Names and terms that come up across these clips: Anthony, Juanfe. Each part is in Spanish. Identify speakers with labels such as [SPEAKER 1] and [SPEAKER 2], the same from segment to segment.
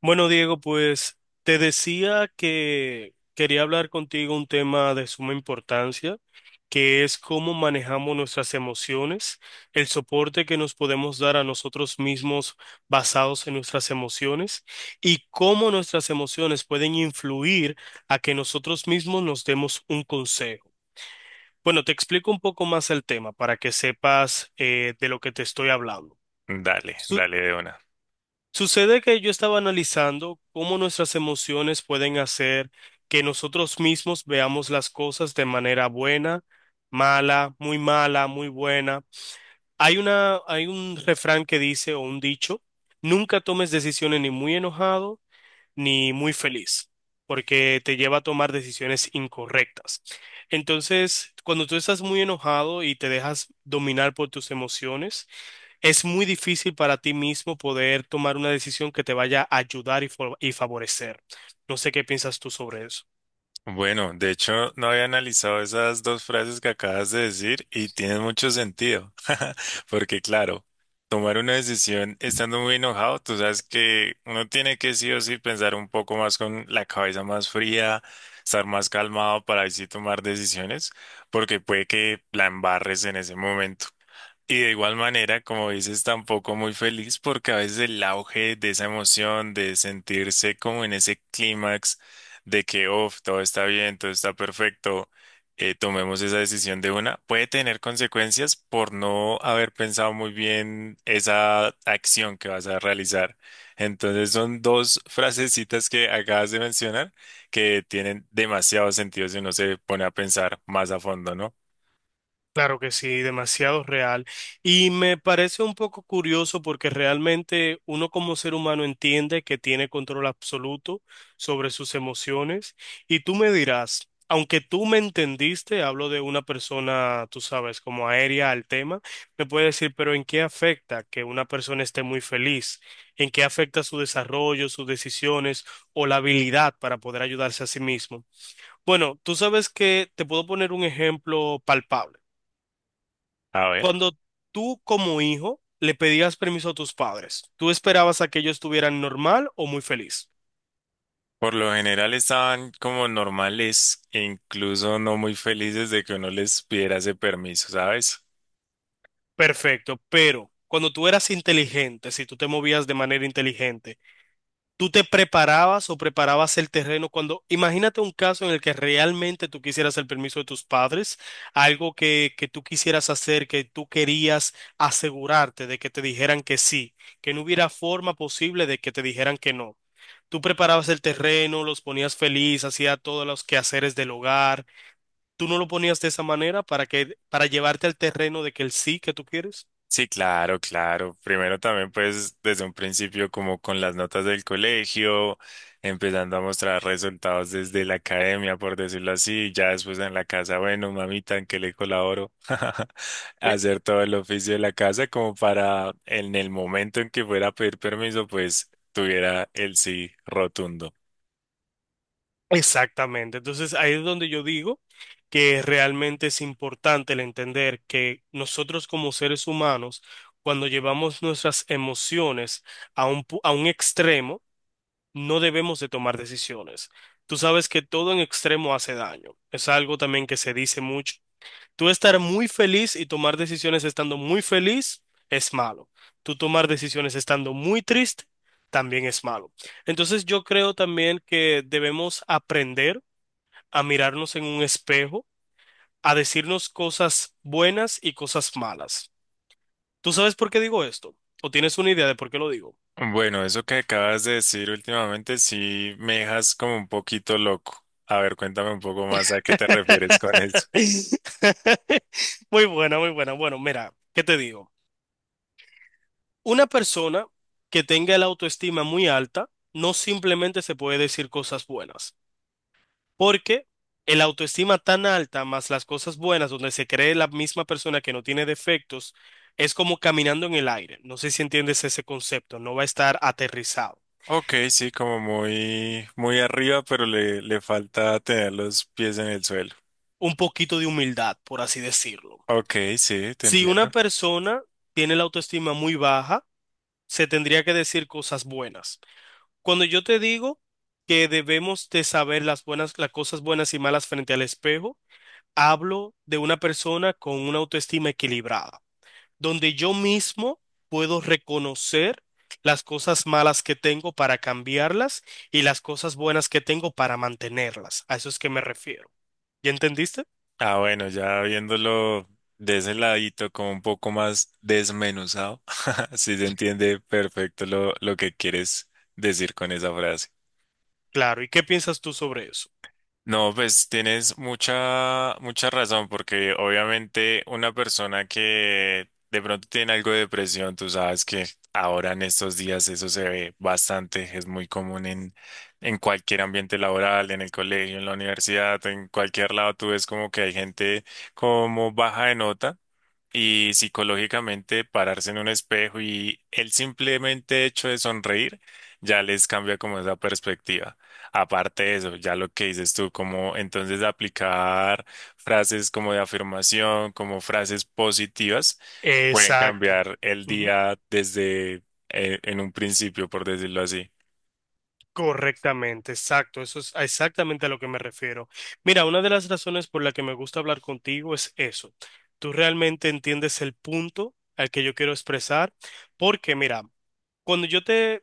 [SPEAKER 1] Bueno, Diego, pues te decía que quería hablar contigo un tema de suma importancia, que es cómo manejamos nuestras emociones, el soporte que nos podemos dar a nosotros mismos basados en nuestras emociones y cómo nuestras emociones pueden influir a que nosotros mismos nos demos un consejo. Bueno, te explico un poco más el tema para que sepas de lo que te estoy hablando.
[SPEAKER 2] Dale,
[SPEAKER 1] Su-
[SPEAKER 2] dale de una.
[SPEAKER 1] Sucede que yo estaba analizando cómo nuestras emociones pueden hacer que nosotros mismos veamos las cosas de manera buena, mala, muy buena. Hay un refrán que dice o un dicho, nunca tomes decisiones ni muy enojado ni muy feliz, porque te lleva a tomar decisiones incorrectas. Entonces, cuando tú estás muy enojado y te dejas dominar por tus emociones, es muy difícil para ti mismo poder tomar una decisión que te vaya a ayudar y favorecer. No sé qué piensas tú sobre eso.
[SPEAKER 2] Bueno, de hecho, no había analizado esas dos frases que acabas de decir y tienen mucho sentido, porque claro, tomar una decisión estando muy enojado, tú sabes que uno tiene que sí o sí pensar un poco más con la cabeza más fría, estar más calmado para así tomar decisiones, porque puede que la embarres en ese momento. Y de igual manera, como dices, tampoco muy feliz porque a veces el auge de esa emoción, de sentirse como en ese clímax de que, oh, todo está bien, todo está perfecto, tomemos esa decisión de una, puede tener consecuencias por no haber pensado muy bien esa acción que vas a realizar. Entonces son dos frasecitas que acabas de mencionar que tienen demasiado sentido si uno se pone a pensar más a fondo, ¿no?
[SPEAKER 1] Claro que sí, demasiado real. Y me parece un poco curioso porque realmente uno como ser humano entiende que tiene control absoluto sobre sus emociones. Y tú me dirás, aunque tú me entendiste, hablo de una persona, tú sabes, como aérea al tema, me puede decir, pero ¿en qué afecta que una persona esté muy feliz? ¿En qué afecta su desarrollo, sus decisiones o la habilidad para poder ayudarse a sí mismo? Bueno, tú sabes que te puedo poner un ejemplo palpable.
[SPEAKER 2] A ver.
[SPEAKER 1] Cuando tú como hijo le pedías permiso a tus padres, ¿tú esperabas a que ellos estuvieran normal o muy feliz?
[SPEAKER 2] Por lo general estaban como normales e incluso no muy felices de que uno les pidiera ese permiso, ¿sabes?
[SPEAKER 1] Perfecto, pero cuando tú eras inteligente, si tú te movías de manera inteligente, ¿tú te preparabas o preparabas el terreno cuando, imagínate un caso en el que realmente tú quisieras el permiso de tus padres, algo que tú quisieras hacer, que tú querías asegurarte de que te dijeran que sí, que no hubiera forma posible de que te dijeran que no? Tú preparabas el terreno, los ponías feliz, hacía todos los quehaceres del hogar. ¿Tú no lo ponías de esa manera para para llevarte al terreno de que el sí que tú quieres?
[SPEAKER 2] Sí, claro, claro. Primero también pues desde un principio como con las notas del colegio, empezando a mostrar resultados desde la academia, por decirlo así, ya después en la casa, bueno, mamita, ¿en qué le colaboro? Hacer todo el oficio de la casa como para en el momento en que fuera a pedir permiso, pues tuviera el sí rotundo.
[SPEAKER 1] Exactamente. Entonces, ahí es donde yo digo que realmente es importante el entender que nosotros como seres humanos, cuando llevamos nuestras emociones a a un extremo, no debemos de tomar decisiones. Tú sabes que todo en extremo hace daño. Es algo también que se dice mucho. Tú estar muy feliz y tomar decisiones estando muy feliz es malo. Tú tomar decisiones estando muy triste también es malo. Entonces, yo creo también que debemos aprender a mirarnos en un espejo, a decirnos cosas buenas y cosas malas. ¿Tú sabes por qué digo esto? ¿O tienes una idea de por qué lo digo?
[SPEAKER 2] Bueno, eso que acabas de decir últimamente sí me dejas como un poquito loco. A ver, cuéntame un poco más a qué te refieres con eso.
[SPEAKER 1] Muy buena, muy buena. Bueno, mira, ¿qué te digo? Una persona que tenga la autoestima muy alta no simplemente se puede decir cosas buenas. Porque el autoestima tan alta, más las cosas buenas, donde se cree la misma persona que no tiene defectos, es como caminando en el aire. No sé si entiendes ese concepto, no va a estar aterrizado.
[SPEAKER 2] Ok, sí, como muy, muy arriba, pero le falta tener los pies en el suelo.
[SPEAKER 1] Un poquito de humildad, por así decirlo.
[SPEAKER 2] Ok, sí, te
[SPEAKER 1] Si
[SPEAKER 2] entiendo.
[SPEAKER 1] una persona tiene la autoestima muy baja, se tendría que decir cosas buenas. Cuando yo te digo que debemos de saber las buenas, las cosas buenas y malas frente al espejo, hablo de una persona con una autoestima equilibrada, donde yo mismo puedo reconocer las cosas malas que tengo para cambiarlas y las cosas buenas que tengo para mantenerlas. A eso es que me refiero. ¿Ya entendiste?
[SPEAKER 2] Ah, bueno, ya viéndolo de ese ladito, como un poco más desmenuzado, sí se entiende perfecto lo que quieres decir con esa frase.
[SPEAKER 1] Claro. ¿Y qué piensas tú sobre eso?
[SPEAKER 2] No, pues tienes mucha, mucha razón, porque obviamente una persona que de pronto tiene algo de depresión, tú sabes que ahora en estos días eso se ve bastante, es muy común en cualquier ambiente laboral, en el colegio, en la universidad, en cualquier lado, tú ves como que hay gente como baja de nota y psicológicamente pararse en un espejo y el simplemente hecho de sonreír ya les cambia como esa perspectiva. Aparte de eso, ya lo que dices tú, como entonces aplicar frases como de afirmación, como frases positivas, pueden
[SPEAKER 1] Exacto.
[SPEAKER 2] cambiar el
[SPEAKER 1] Ujú.
[SPEAKER 2] día desde en un principio, por decirlo así.
[SPEAKER 1] Correctamente, exacto. Eso es exactamente a lo que me refiero. Mira, una de las razones por la que me gusta hablar contigo es eso. Tú realmente entiendes el punto al que yo quiero expresar, porque mira, Cuando yo te,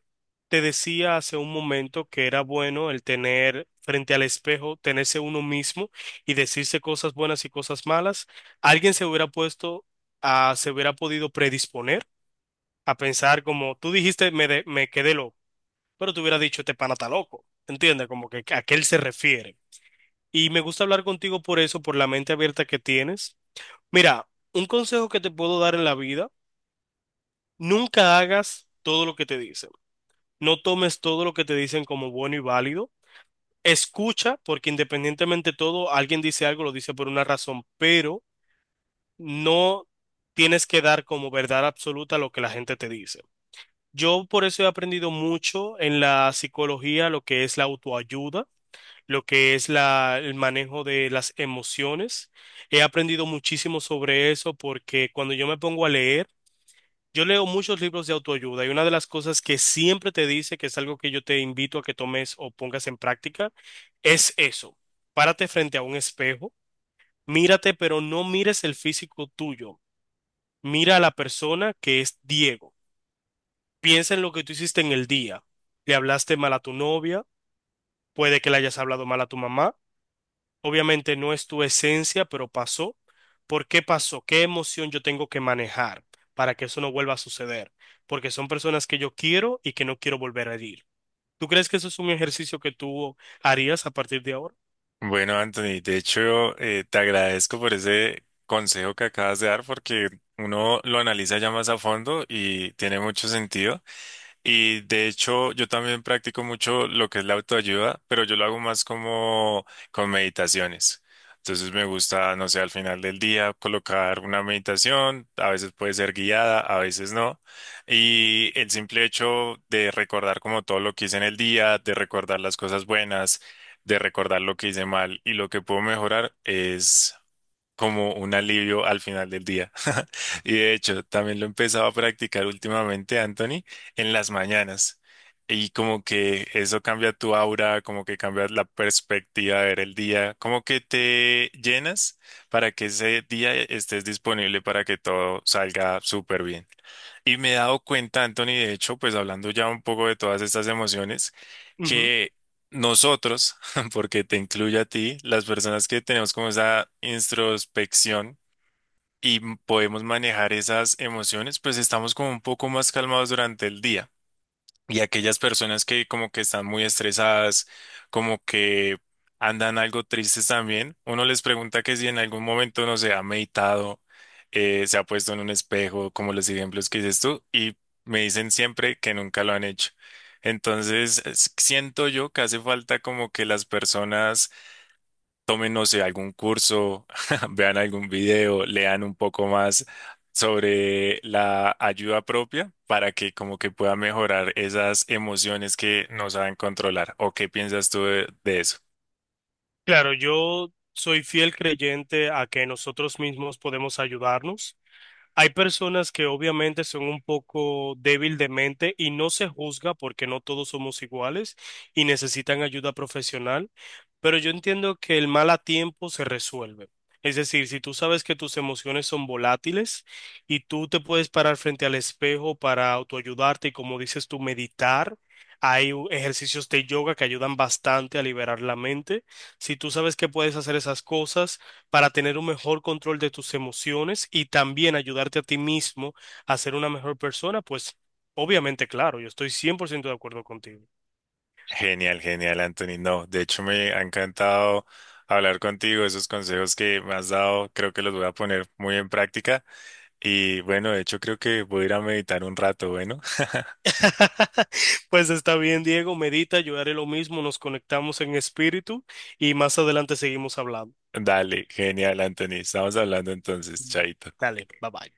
[SPEAKER 1] te decía hace un momento que era bueno el tener frente al espejo, tenerse uno mismo y decirse cosas buenas y cosas malas, alguien se hubiera puesto a, se hubiera podido predisponer a pensar como tú dijiste, me quedé loco, pero te hubiera dicho, este pana está loco, ¿entiendes? Como que a qué él se refiere. Y me gusta hablar contigo por eso, por la mente abierta que tienes. Mira, un consejo que te puedo dar en la vida, nunca hagas todo lo que te dicen. No tomes todo lo que te dicen como bueno y válido. Escucha, porque independientemente de todo, alguien dice algo, lo dice por una razón, pero no tienes que dar como verdad absoluta lo que la gente te dice. Yo por eso he aprendido mucho en la psicología lo que es la autoayuda, lo que es el manejo de las emociones. He aprendido muchísimo sobre eso porque cuando yo me pongo a leer, yo leo muchos libros de autoayuda y una de las cosas que siempre te dice, que es algo que yo te invito a que tomes o pongas en práctica, es eso. Párate frente a un espejo, mírate, pero no mires el físico tuyo. Mira a la persona que es Diego. Piensa en lo que tú hiciste en el día. Le hablaste mal a tu novia, puede que le hayas hablado mal a tu mamá. Obviamente no es tu esencia, pero pasó. ¿Por qué pasó? ¿Qué emoción yo tengo que manejar para que eso no vuelva a suceder? Porque son personas que yo quiero y que no quiero volver a herir. ¿Tú crees que eso es un ejercicio que tú harías a partir de ahora?
[SPEAKER 2] Bueno, Anthony, de hecho, te agradezco por ese consejo que acabas de dar porque uno lo analiza ya más a fondo y tiene mucho sentido. Y de hecho, yo también practico mucho lo que es la autoayuda, pero yo lo hago más como con meditaciones. Entonces me gusta, no sé, al final del día colocar una meditación, a veces puede ser guiada, a veces no. Y el simple hecho de recordar como todo lo que hice en el día, de recordar las cosas buenas, de recordar lo que hice mal y lo que puedo mejorar es como un alivio al final del día. Y de hecho, también lo he empezado a practicar últimamente, Anthony, en las mañanas. Y como que eso cambia tu aura, como que cambia la perspectiva de ver el día, como que te llenas para que ese día estés disponible para que todo salga súper bien. Y me he dado cuenta, Anthony, de hecho, pues hablando ya un poco de todas estas emociones,
[SPEAKER 1] Ujú.
[SPEAKER 2] que nosotros, porque te incluye a ti, las personas que tenemos como esa introspección y podemos manejar esas emociones, pues estamos como un poco más calmados durante el día. Y aquellas personas que como que están muy estresadas, como que andan algo tristes también, uno les pregunta que si en algún momento no se ha meditado, se ha puesto en un espejo, como los ejemplos que dices tú, y me dicen siempre que nunca lo han hecho. Entonces, siento yo que hace falta como que las personas tomen, no sé, algún curso, vean algún video, lean un poco más sobre la ayuda propia para que como que pueda mejorar esas emociones que no saben controlar. ¿O qué piensas tú de eso?
[SPEAKER 1] Claro, yo soy fiel creyente a que nosotros mismos podemos ayudarnos. Hay personas que obviamente son un poco débil de mente y no se juzga porque no todos somos iguales y necesitan ayuda profesional, pero yo entiendo que el mal a tiempo se resuelve. Es decir, si tú sabes que tus emociones son volátiles y tú te puedes parar frente al espejo para autoayudarte y como dices tú, meditar, hay ejercicios de yoga que ayudan bastante a liberar la mente. Si tú sabes que puedes hacer esas cosas, para tener un mejor control de tus emociones y también ayudarte a ti mismo a ser una mejor persona, pues obviamente, claro, yo estoy 100% de acuerdo contigo.
[SPEAKER 2] Genial, genial, Anthony. No, de hecho me ha encantado hablar contigo. Esos consejos que me has dado, creo que los voy a poner muy en práctica. Y bueno, de hecho creo que voy a ir a meditar un rato, bueno.
[SPEAKER 1] Pues está bien, Diego, medita, yo haré lo mismo, nos conectamos en espíritu y más adelante seguimos hablando.
[SPEAKER 2] Dale, genial, Anthony. Estamos hablando entonces, chaito.
[SPEAKER 1] Dale, bye bye.